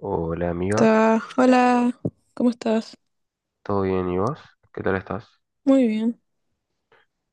Hola amiga, Hola, ¿cómo estás? ¿todo bien y vos? ¿Qué tal estás? Muy bien.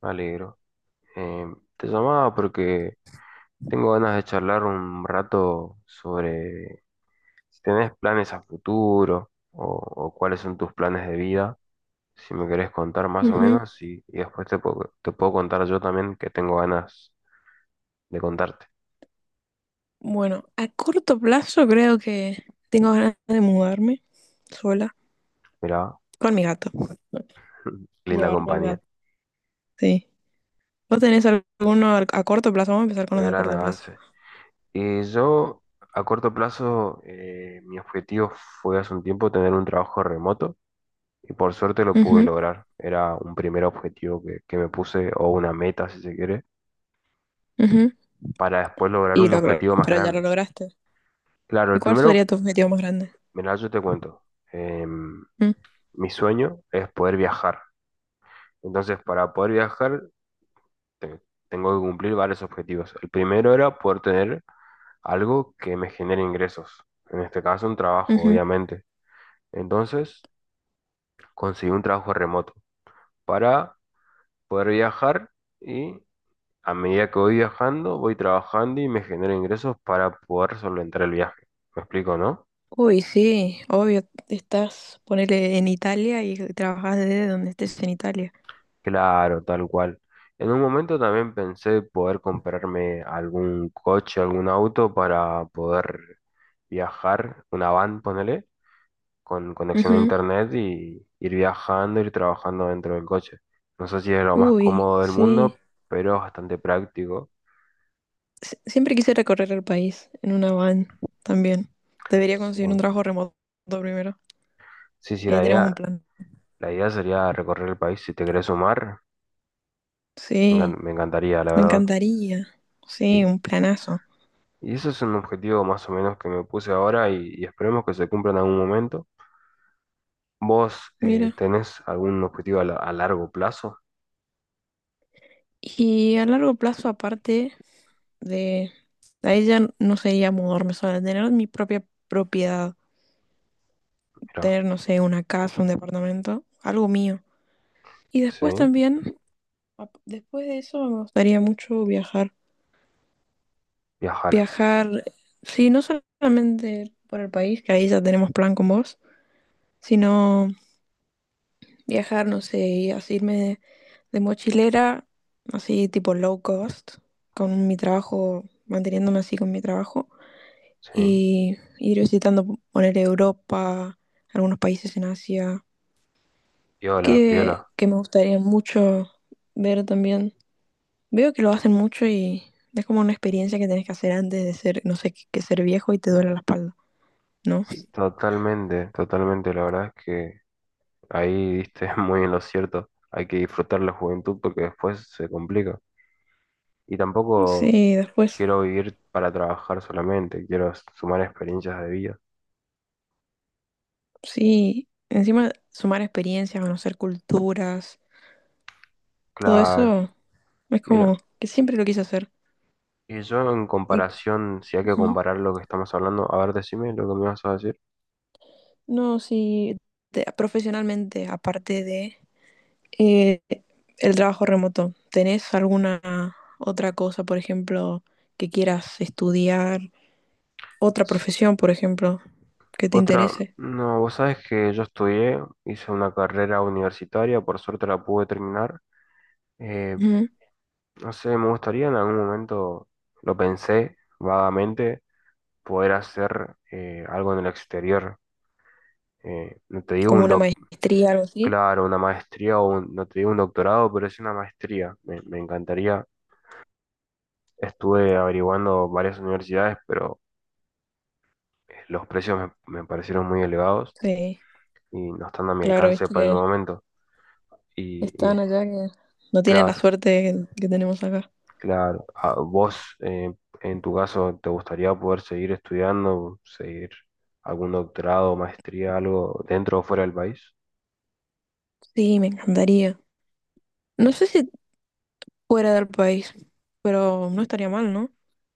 Me alegro. Eh, Te llamaba porque tengo ganas de charlar un rato sobre si tenés planes a futuro o cuáles son tus planes de vida, si me querés contar más o Ujú. menos y después te puedo contar yo también que tengo ganas de contarte. Bueno, a corto plazo creo que tengo ganas de mudarme sola Mirá, con mi gato. linda Llevarlo al compañía, gato. Sí. ¿Vos tenés alguno a corto plazo? Vamos a empezar con los de gran corto plazo. avance. Y yo a corto plazo, mi objetivo fue hace un tiempo tener un trabajo remoto. Y por suerte lo pude Ujú, lograr. Era un primer objetivo que me puse, o una meta, si se quiere, ujú. para después lograr Y un lo logró, objetivo más pero ya lo grande. lograste. Claro, ¿Y el cuál sería primero, tu objetivo más grande? mira, yo te cuento. em, Mm, mi sueño es poder viajar. Entonces, para poder viajar, te- tengo que cumplir varios objetivos. El primero era poder tener algo que me genere ingresos. En este caso, un trabajo, ujú. obviamente. Entonces, conseguí un trabajo remoto para poder viajar y a medida que voy viajando, voy trabajando y me genero ingresos para poder solventar el viaje. ¿Me explico, no? Uy, sí, obvio, estás, ponele en Italia y trabajas desde donde estés en Italia. Claro, tal cual. En un momento también pensé poder comprarme algún coche, algún auto para poder viajar, una van, ponele, con conexión a Ujú. internet y ir viajando, ir trabajando dentro del coche. No sé si es lo más Uy, cómodo del sí. mundo, pero es bastante práctico. Siempre quise recorrer el país en una van también. Debería Sí, conseguir un trabajo remoto primero. sí, sí, Y ahí la tenemos un idea, plan. la idea sería recorrer el país si te querés sumar. Sí, Me encantaría, la me verdad. encantaría. Sí, Y, un planazo. y eso es un objetivo más o menos que me puse ahora y esperemos que se cumpla en algún momento. ¿Vos Mira. tenés algún objetivo a largo plazo? Y a largo plazo, aparte de... Ahí ya no sería mudarme sola, tener mi propia propiedad, Mira, tener, no sé, una casa, un departamento, algo mío. Y sí, después también, después de eso, me gustaría mucho viajar. viajar, Viajar, sí, no solamente por el país, que ahí ya tenemos plan con vos, sino viajar, no sé, y así irme de mochilera, así tipo low cost, con mi trabajo, manteniéndome así con mi trabajo, sí. y ir visitando, poner Europa, algunos países en Asia, Piola, que, piola. que me gustaría mucho ver también. Veo que lo hacen mucho y es como una experiencia que tenés que hacer antes de ser, no sé, que ser viejo y te duele la espalda, ¿no? Totalmente, totalmente. La verdad es que ahí diste muy en lo cierto. Hay que disfrutar la juventud porque después se complica. Y tampoco Sí, después, quiero vivir para trabajar solamente, quiero sumar experiencias de vida. sí, encima sumar experiencia, conocer culturas, todo Claro. eso es Mira, como que siempre lo quise hacer. y yo en Y comparación, si hay que ujú. comparar lo que estamos hablando, a ver, decime lo que me vas a decir. No, sí, profesionalmente, aparte de eh, el trabajo remoto, ¿tenés alguna otra cosa, por ejemplo, que quieras estudiar, otra profesión, por ejemplo, que te Otra, interese? no, vos sabés que yo estudié, hice una carrera universitaria, por suerte la pude terminar. Eh, Ujú. no sé, me gustaría en algún momento, lo pensé vagamente, poder hacer algo en el exterior. No te digo Como un una doc, maestría, algo así. Claro, una maestría o no te digo un doctorado, pero es una maestría. Me encantaría. Estuve averiguando varias universidades, pero los precios me parecieron muy elevados Sí, y no están a mi claro, alcance viste para el que momento. Y, y, están allá que no tienen la claro, suerte que tenemos acá. claro, a vos en tu caso, ¿te gustaría poder seguir estudiando, seguir algún doctorado, maestría, algo dentro o fuera del país? Sí, me encantaría. No sé si fuera del país, pero no estaría mal, ¿no?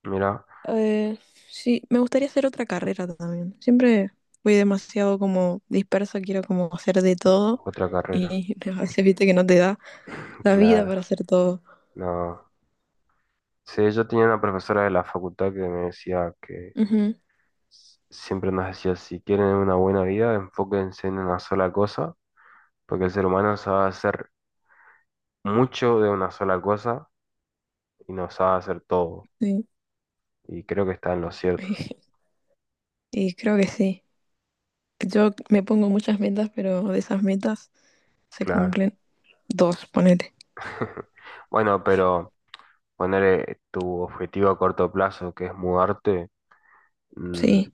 Mira, Eh, sí, me gustaría hacer otra carrera también. Siempre fui demasiado como dispersa, quiero como hacer de todo otra carrera. y a veces viste que no te da la vida Claro, para hacer todo. no. Sí, yo tenía una profesora de la facultad que me decía que Ujú, siempre nos decía, si quieren una buena vida, enfóquense en una sola cosa, porque el ser humano sabe hacer mucho de una sola cosa y no sabe hacer todo. sí. Y creo que está en lo cierto, Y creo que sí. Yo me pongo muchas metas, pero de esas metas se claro. cumplen dos, ponete. Bueno, pero poner tu objetivo a corto plazo, que es mudarte, mm, Sí.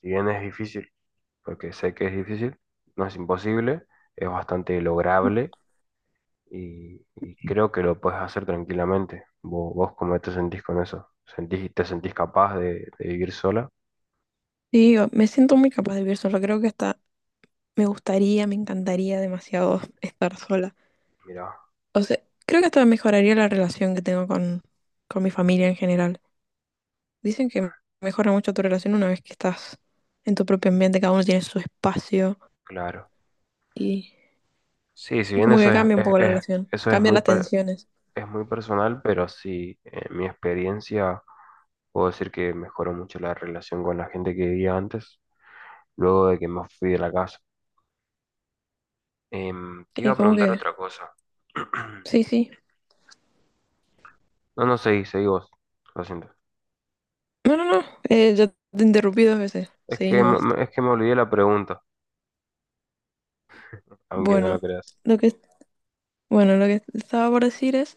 si bien es difícil, porque sé que es difícil, no es imposible, es bastante lograble y creo que lo puedes hacer tranquilamente. ¿Vos, vos cómo te sentís con eso? ¿Sentís, te sentís capaz de vivir sola? Sí, me siento muy capaz de vivir sola. Creo que hasta me gustaría, me encantaría demasiado estar sola. Mira. O sea, creo que hasta mejoraría la relación que tengo con mi familia en general. Dicen que mejora mucho tu relación una vez que estás en tu propio ambiente, cada uno tiene su espacio Claro. y, Sí, si y bien como eso que es, cambia un es- poco la es- relación, eso es cambian muy, las pa- tensiones. es muy personal, pero sí, en mi experiencia puedo decir que mejoró mucho la relación con la gente que vivía antes, luego de que me fui de la casa. Em, te iba Y a como preguntar que, otra cosa. sí, sí. No, no, seguí, seguí vos. Lo siento. No, no, no, ya te interrumpí dos veces. Es Seguí que, me- nomás. me- es que me olvidé la pregunta, aunque no lo Bueno, creas. lo que, bueno, lo que estaba por decir es...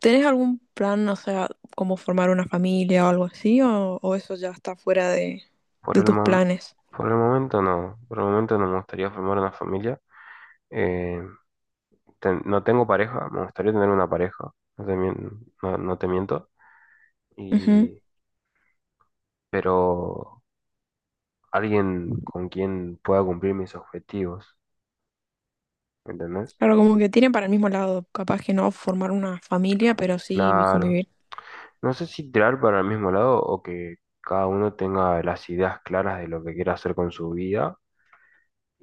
¿Tenés algún plan, o sea, como formar una familia o algo así? O eso ya está fuera Por de el, tus mom- planes? por el momento no. Por el momento no me gustaría formar una familia. Eh, no tengo pareja, me gustaría tener una pareja. No, no te miento. Ujú. Y, pero alguien con quien pueda cumplir mis objetivos, ¿me entendés? Claro, como que tienen para el mismo lado. Capaz que no formar una familia, pero sí Claro. convivir. No sé si tirar para el mismo lado o que cada uno tenga las ideas claras de lo que quiere hacer con su vida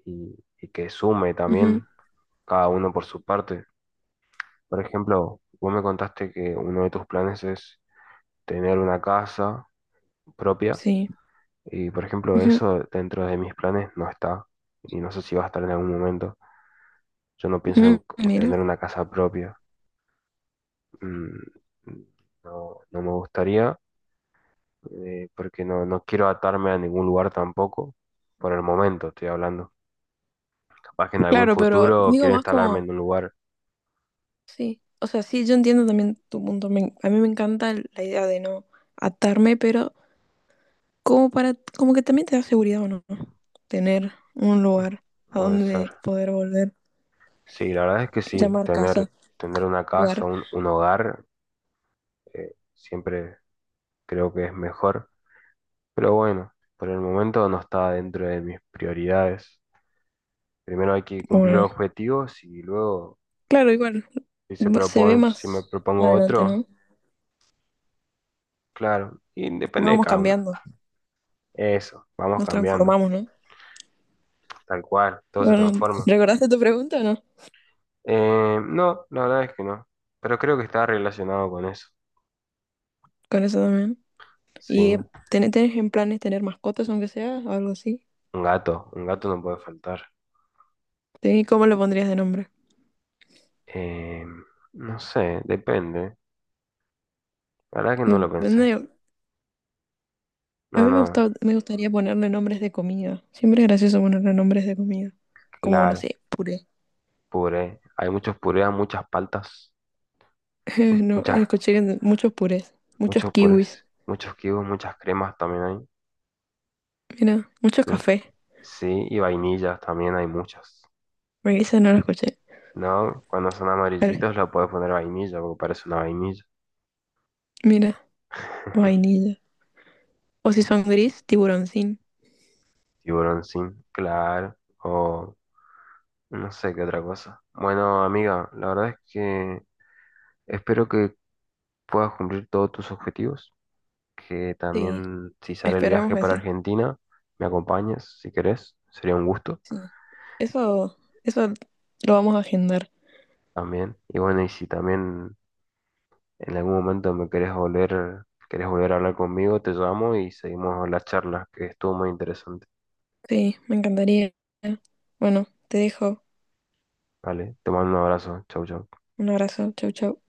y, y que sume Ujú, también cada uno por su parte. Por ejemplo, vos me contaste que uno de tus planes es tener una casa propia sí. y, por ejemplo, Ujú, eso dentro de mis planes no está y no sé si va a estar en algún momento. Yo no pienso en ujú, en mira. tener una casa propia. mm, no, no me gustaría, porque no quiero atarme a ningún lugar tampoco, por el momento estoy hablando. Capaz que en algún Claro, pero futuro digo quiero más instalarme como, en un lugar, sí. O sea, sí, yo entiendo también tu punto. A mí me encanta la idea de no atarme, pero como para, como que también te da seguridad o no, tener un lugar a puede ser. donde poder volver, Sí, la verdad es que sí, llamar tener, casa. tener una casa, Jugar. un hogar, siempre creo que es mejor, pero bueno, por el momento no está dentro de mis prioridades. Primero hay que cumplir Bueno, los objetivos y luego, claro, igual, se ve si me más propongo adelante, otro, ¿no? claro, y depende de Vamos cada uno. cambiando, Eso, vamos nos cambiando, transformamos, ¿no? tal cual, todo se Bueno, transforma. ¿recordaste tu pregunta o no? No, la verdad es que no, pero creo que está relacionado con eso, Con eso también. sí. ¿Y tenés en planes tener mascotas, aunque sea, o algo así? Un gato no puede faltar. ¿Y cómo le pondrías de nombre? Eh, no sé, depende. La verdad que no lo pensé. Depende. A No, mí me no, gusta, me gustaría ponerle nombres de comida. Siempre es gracioso ponerle nombres de comida. Como, no claro, sé, puré. puré. Hay muchos purés, muchas paltas, No, muchas, escuché que muchos purés, muchos muchos kiwis. purés, muchos kibos, muchas cremas también hay. Mira, muchos Mu- cafés. Sí, y vainillas también hay muchas. Me dicen, no lo escuché. No, cuando son Vale, amarillitos lo puedes poner vainilla porque parece una vainilla. mira. Vainilla. O si son gris, tiburoncín. Tiburón sin, claro, o no sé qué otra cosa. Bueno, amiga, la verdad es que espero que puedas cumplir todos tus objetivos, que Sí, también si sale el esperamos viaje que para sí. Argentina, me acompañes si querés, sería un gusto Sí. Eso, eso lo vamos a agendar. también. Y bueno, y si también en algún momento me querés volver a hablar conmigo, te llamo y seguimos la charla, que estuvo muy interesante. Sí, me encantaría. Bueno, te dejo. Vale, te mando un abrazo, chau, chau. Un abrazo. Chau, chau.